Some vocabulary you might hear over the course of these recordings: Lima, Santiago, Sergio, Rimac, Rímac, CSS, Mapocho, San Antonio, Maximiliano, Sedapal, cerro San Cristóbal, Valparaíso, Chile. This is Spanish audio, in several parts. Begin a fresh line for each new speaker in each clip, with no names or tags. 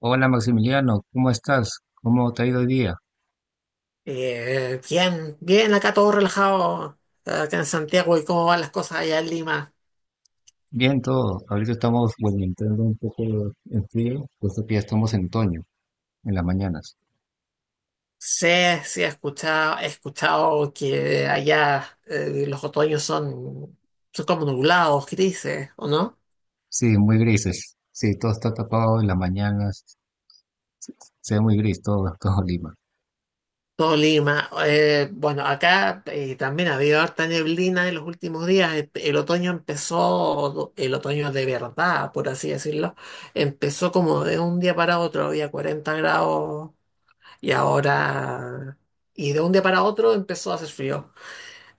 Hola Maximiliano, ¿cómo estás? ¿Cómo te ha ido hoy día?
Bien, bien, acá todo relajado, acá en Santiago. ¿Y cómo van las cosas allá en Lima?
Bien todo. Ahorita estamos, bueno, entrando un poco en frío, puesto que ya estamos en otoño, en las mañanas.
Sí, he escuchado que allá los otoños son, son como nublados, grises, ¿o no?
Sí, muy grises. Sí, todo está tapado en las mañanas. Se ve muy gris todo, todo Lima.
Todo Lima. Bueno, acá también ha habido harta neblina en los últimos días. El otoño empezó, el otoño de verdad, por así decirlo, empezó como de un día para otro, había 40 grados. Y ahora, y de un día para otro empezó a hacer frío.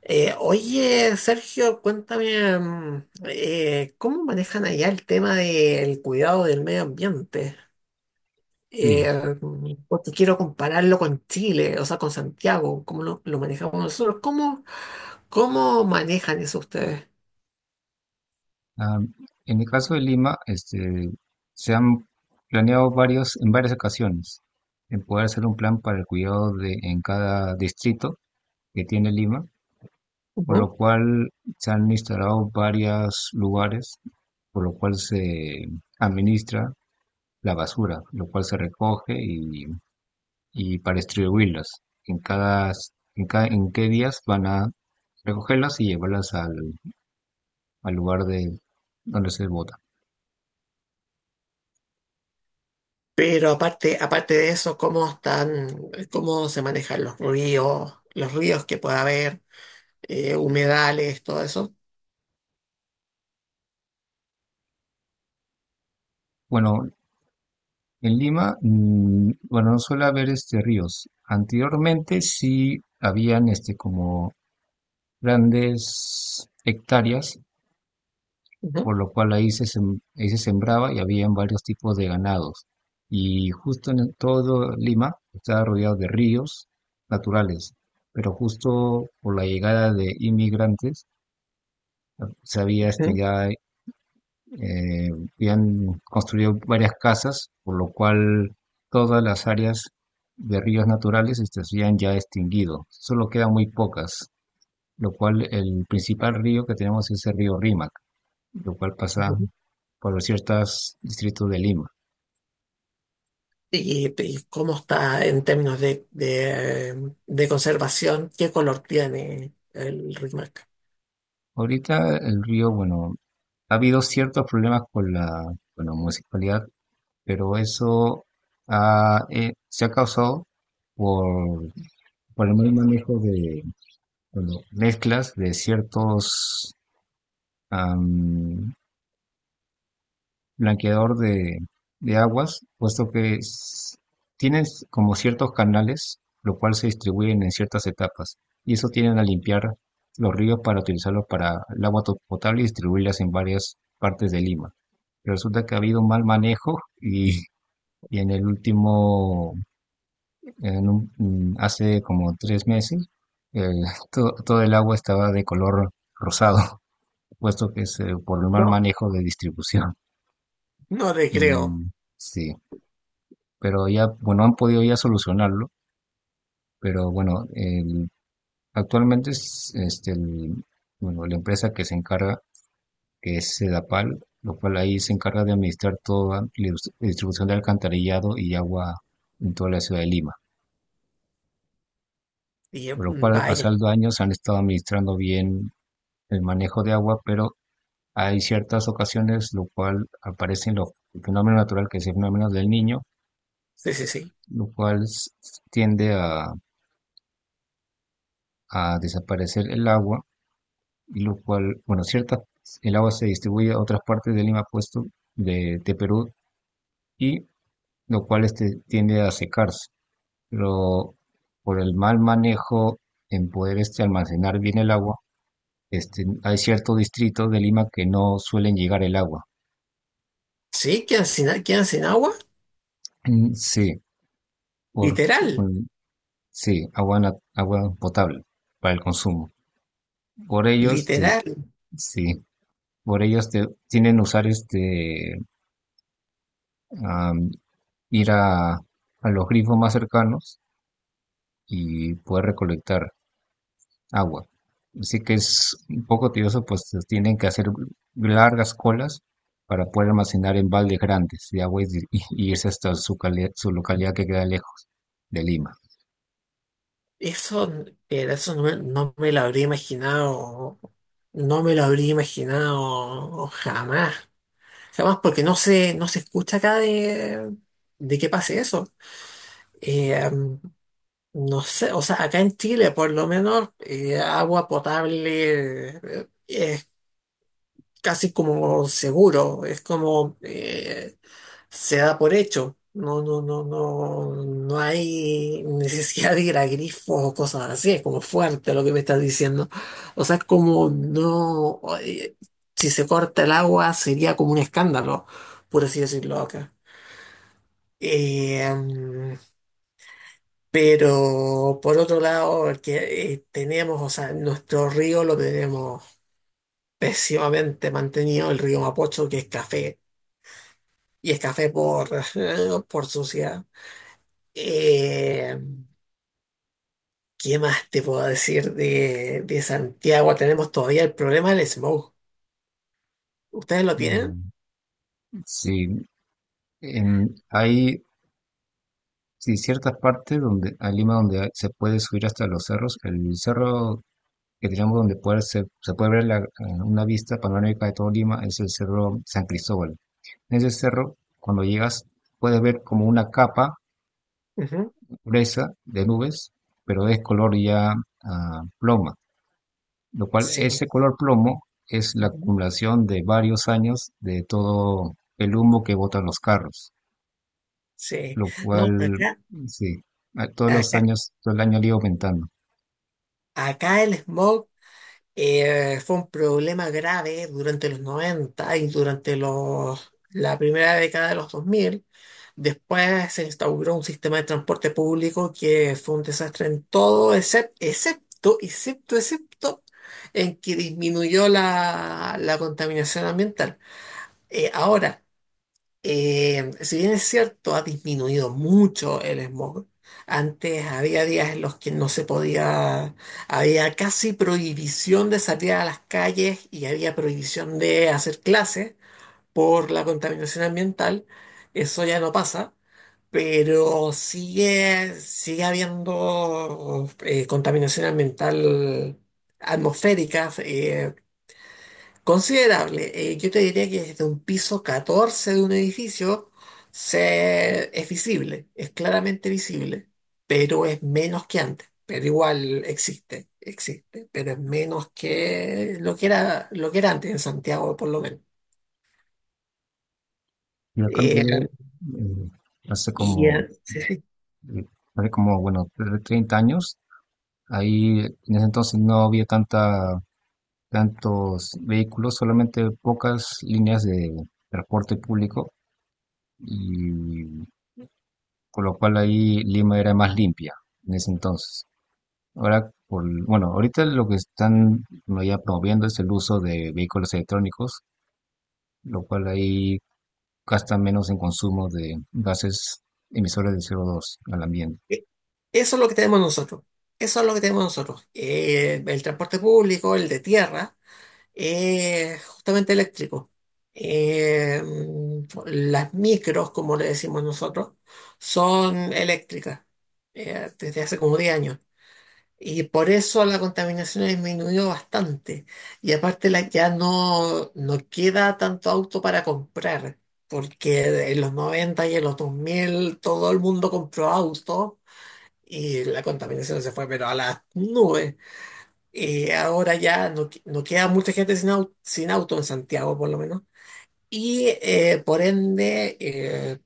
Oye, Sergio, cuéntame, ¿cómo manejan allá el tema del cuidado del medio ambiente?
Sí.
Eh, Porque quiero compararlo con Chile, o sea, con Santiago. ¿Cómo lo manejamos nosotros? ¿Cómo, cómo manejan eso ustedes?
Ah, en el caso de Lima, este, se han planeado varios, en varias ocasiones, en poder hacer un plan para el cuidado de, en cada distrito que tiene Lima, por
Ujú.
lo cual se han instalado varios lugares, por lo cual se administra la basura, lo cual se recoge y para distribuirlas. En cada, en cada, en qué días van a recogerlas y llevarlas al, al lugar de donde se bota.
Pero aparte, aparte de eso, ¿cómo están, cómo se manejan los ríos que pueda haber, humedales, todo eso?
Bueno, en Lima, mm, bueno, no suele haber este ríos. Anteriormente sí habían este como grandes hectáreas por lo cual ahí se, ahí se sembraba y habían varios tipos de ganados. Y justo en todo Lima estaba rodeado de ríos naturales, pero justo por la llegada de inmigrantes se había este,
Ujú,
ya eh, habían construido varias casas, por lo cual todas las áreas de ríos naturales este, se habían ya extinguido. Solo quedan muy pocas, lo cual el principal río que tenemos es el río Rímac, lo cual pasa
ujú.
por los ciertos distritos de Lima.
Y cómo está en términos de, de conservación? ¿Qué color tiene el Rimac?
Ahorita el río, bueno, ha habido ciertos problemas con la, bueno, municipalidad, pero eso ha, se ha causado por, por el mal manejo de, bueno, mezclas de ciertos blanqueador de aguas, puesto que tienen como ciertos canales, lo cual se distribuyen en ciertas etapas, y eso tienen a limpiar los ríos para utilizarlos para el agua potable y distribuirlas en varias partes de Lima. Pero resulta que ha habido un mal manejo y en el último, en hace como tres meses, el- todo el agua estaba de color rosado, puesto que es por el mal
No,
manejo de distribución.
no te creo.
Y sí. Pero ya, bueno, han podido ya solucionarlo, pero bueno, actualmente es este, bueno, la empresa que se encarga, que es Sedapal, lo cual ahí se encarga de administrar toda la distribución de alcantarillado y agua en toda la ciudad de Lima,
Y yo,
por lo cual al
vaya,
pasar los años han estado administrando bien el manejo de agua, pero hay ciertas ocasiones lo cual aparecen los el fenómeno natural que es el fenómeno del niño,
sí, sí, sí.
lo cual tiende a desaparecer el agua, lo cual, bueno, cierta, el agua se distribuye a otras partes de Lima, puesto de Perú, y lo cual este, tiende a secarse. Pero por el mal manejo en poder este, almacenar bien el agua, este, hay ciertos distritos de Lima que no suelen llegar el agua.
Sí, quedan sin, a- quedan sin agua,
Mm, sí, por,
literal,
mm, sí, agua, agua potable para el consumo. Por ellos, este,
literal.
sí, por ellos tienen usar este, ir a los grifos más cercanos y poder recolectar agua. Así que es un poco tedioso, pues tienen que hacer largas colas para poder almacenar en baldes grandes de agua y irse hasta su, su localidad que queda lejos de Lima.
Eso, era- eso no, me no me lo habría imaginado, no me lo habría imaginado jamás, jamás, porque no se, no se escucha acá de que pase eso. Eh, em, No sé, o sea, acá en Chile por lo menos agua potable es casi como seguro, es como se da por hecho. No, no, no, no, no hay necesidad de ir a grifos o cosas así, es como fuerte lo que me estás diciendo. O sea, es como no, si se corta el agua sería como un escándalo, por así decirlo acá. Eh, Pero por otro lado, el que tenemos, o sea, nuestro río lo tenemos pésimamente mantenido, el río Mapocho, que es café, y es café por, por suciedad. Eh, ¿Qué más te puedo decir de Santiago? Tenemos todavía el problema del smog. ¿Ustedes lo tienen?
Mm. Sí, hay sí, ciertas partes donde, a Lima donde se puede subir hasta los cerros. El cerro que tenemos donde poder se, se puede ver una vista panorámica de todo Lima es el cerro San Cristóbal. En ese cerro, cuando llegas, puedes ver como una capa
Ujú,
gruesa de nubes, pero es color ya ah, ploma, lo cual
sí,
ese color plomo es la
ujú,
acumulación de varios años de todo el humo que botan los carros,
sí.
lo
No,
cual,
acá,
sí, todos los
acá,
años, todo el año le iba aumentando.
acá el smog. Fue un problema grave durante los 90 y durante los, la primera década de los 2000. Después se instauró un sistema de transporte público que fue un desastre en todo, excepto, en que disminuyó la, la contaminación ambiental. Ahora, si bien es cierto, ha disminuido mucho el smog. Antes había días en los que no se podía, había casi prohibición de salir a las calles y había prohibición de hacer clases por la contaminación ambiental. Eso ya no pasa, pero sigue, sigue habiendo contaminación ambiental atmosférica. Considerable. Yo te diría que desde un piso 14 de un edificio se, es visible, es claramente visible, pero es menos que antes. Pero igual existe, existe, pero es menos que lo que era antes en Santiago, por lo menos.
Y acá en
Claro.
Perú, eh, hace
y
como,
eh, sí, sí.
eh, hace como, bueno, 30 años, ahí en ese entonces no había tanta tantos vehículos, solamente pocas líneas de transporte público y con lo cual ahí Lima era más limpia en ese entonces. Ahora, por, bueno, ahorita lo que están, bueno, ya promoviendo es el uso de vehículos electrónicos, lo cual ahí gasta menos en consumo de gases emisores de CO2 al ambiente.
Eh, Eso es lo que tenemos nosotros. Eso es lo que tenemos nosotros. El transporte público, el de tierra. Justamente eléctrico. Las micros, como le decimos nosotros, son eléctricas desde hace como 10 años. Y por eso la contaminación ha disminuido bastante. Y aparte la, ya no, no queda tanto auto para comprar, porque en los 90 y en los 2000 todo el mundo compró auto y la contaminación se fue pero a las nubes. Ahora ya no, que- no queda mucha gente sin auto, sin auto en Santiago, por lo menos. Y por ende,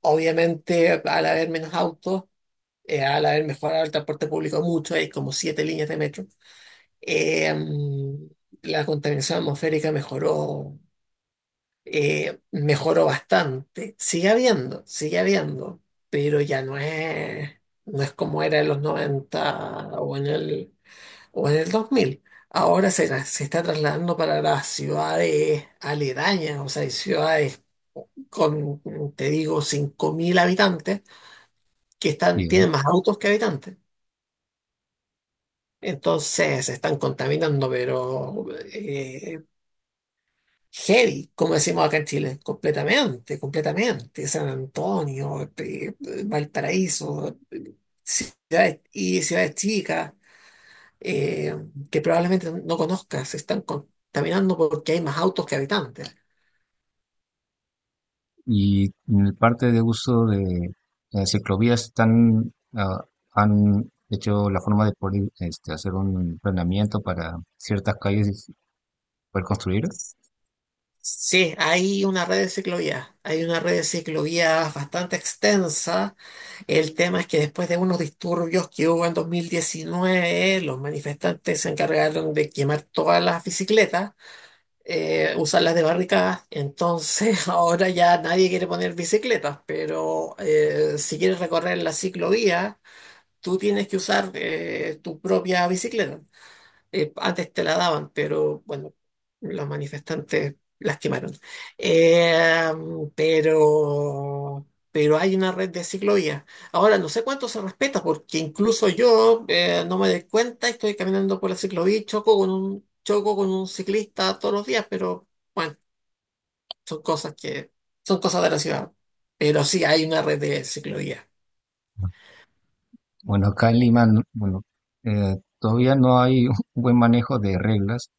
obviamente, al haber menos autos, al haber mejorado el transporte público mucho, hay como 7 líneas de metro, eh, mm, la contaminación atmosférica mejoró, mejoró bastante. Sigue habiendo, pero ya no es, no es como era en los 90 o en el 2000. Ahora se, tra- se está trasladando para las ciudades aledañas, o sea, hay ciudades con, te digo, 5000 habitantes que están,
Digo,
tienen más autos que habitantes. Entonces se están contaminando, pero eh, heavy, como decimos acá en Chile, completamente, completamente. San Antonio, Valparaíso, ciudades, y ciudades chicas eh, que probablemente no conozcas, se están contaminando porque hay más autos que habitantes.
y en el parte de uso de ciclovías están, ah, han hecho la forma de poder este, hacer un planeamiento para ciertas calles y poder construir.
Sí, hay una red de ciclovías, hay una red de ciclovías bastante extensa. El tema es que después de unos disturbios que hubo en 2019, los manifestantes se encargaron de quemar todas las bicicletas, usarlas de barricadas. Entonces ahora ya nadie quiere poner bicicletas, pero si quieres recorrer la ciclovía, tú tienes que usar tu propia bicicleta, antes te la daban, pero bueno, los manifestantes lastimaron. Eh, pero hay una red de ciclovías. Ahora, no sé cuánto se respeta, porque incluso yo no me doy cuenta, estoy caminando por la ciclovía y choco con un ciclista todos los días, pero bueno, son cosas que son cosas de la ciudad. Pero sí hay una red de ciclovías.
Bueno, acá en Lima, bueno, todavía no hay un buen manejo de reglas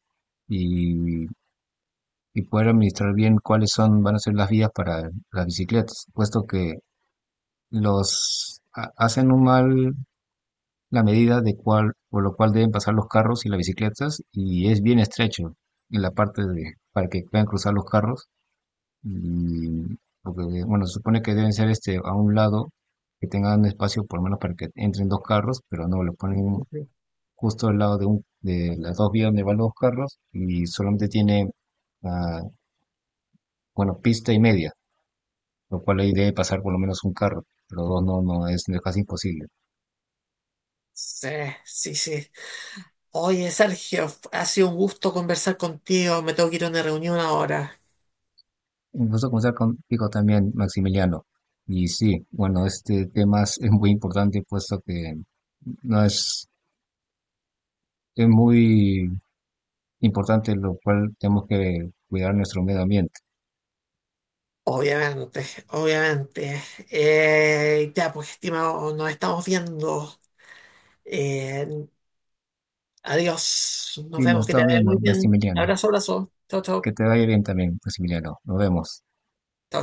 y, y poder administrar bien cuáles son, van a ser las vías para las bicicletas, puesto que los hacen un mal la medida de cual, por lo cual deben pasar los carros y las bicicletas y es bien estrecho en la parte de, para que puedan cruzar los carros y porque, bueno, se supone que deben ser este a un lado que tengan espacio por lo menos para que entren dos carros, pero no, lo ponen
Ujú.
justo al lado de, un, de las dos vías donde van los carros y solamente tiene, ah, bueno, pista y media, lo cual ahí debe pasar por lo menos un carro, pero dos no, no, es casi imposible.
Sí, sí, sí. Oye, Sergio, ha sido un gusto conversar contigo. Me tengo que ir a una reunión ahora.
Un gusto conversar contigo también, Maximiliano. Y sí, bueno, este tema es muy importante, puesto que no es, es muy importante, lo cual tenemos que cuidar nuestro medio ambiente.
Obviamente, obviamente. Ya, pues, estimado, nos estamos viendo. Eh, Adiós. Nos
Sí, nos
vemos, que te
estamos
vaya muy
viendo,
bien.
Maximiliano.
Abrazo, abrazo. Chao,
Que
chao.
te vaya bien también, Maximiliano. Nos vemos.
Chao.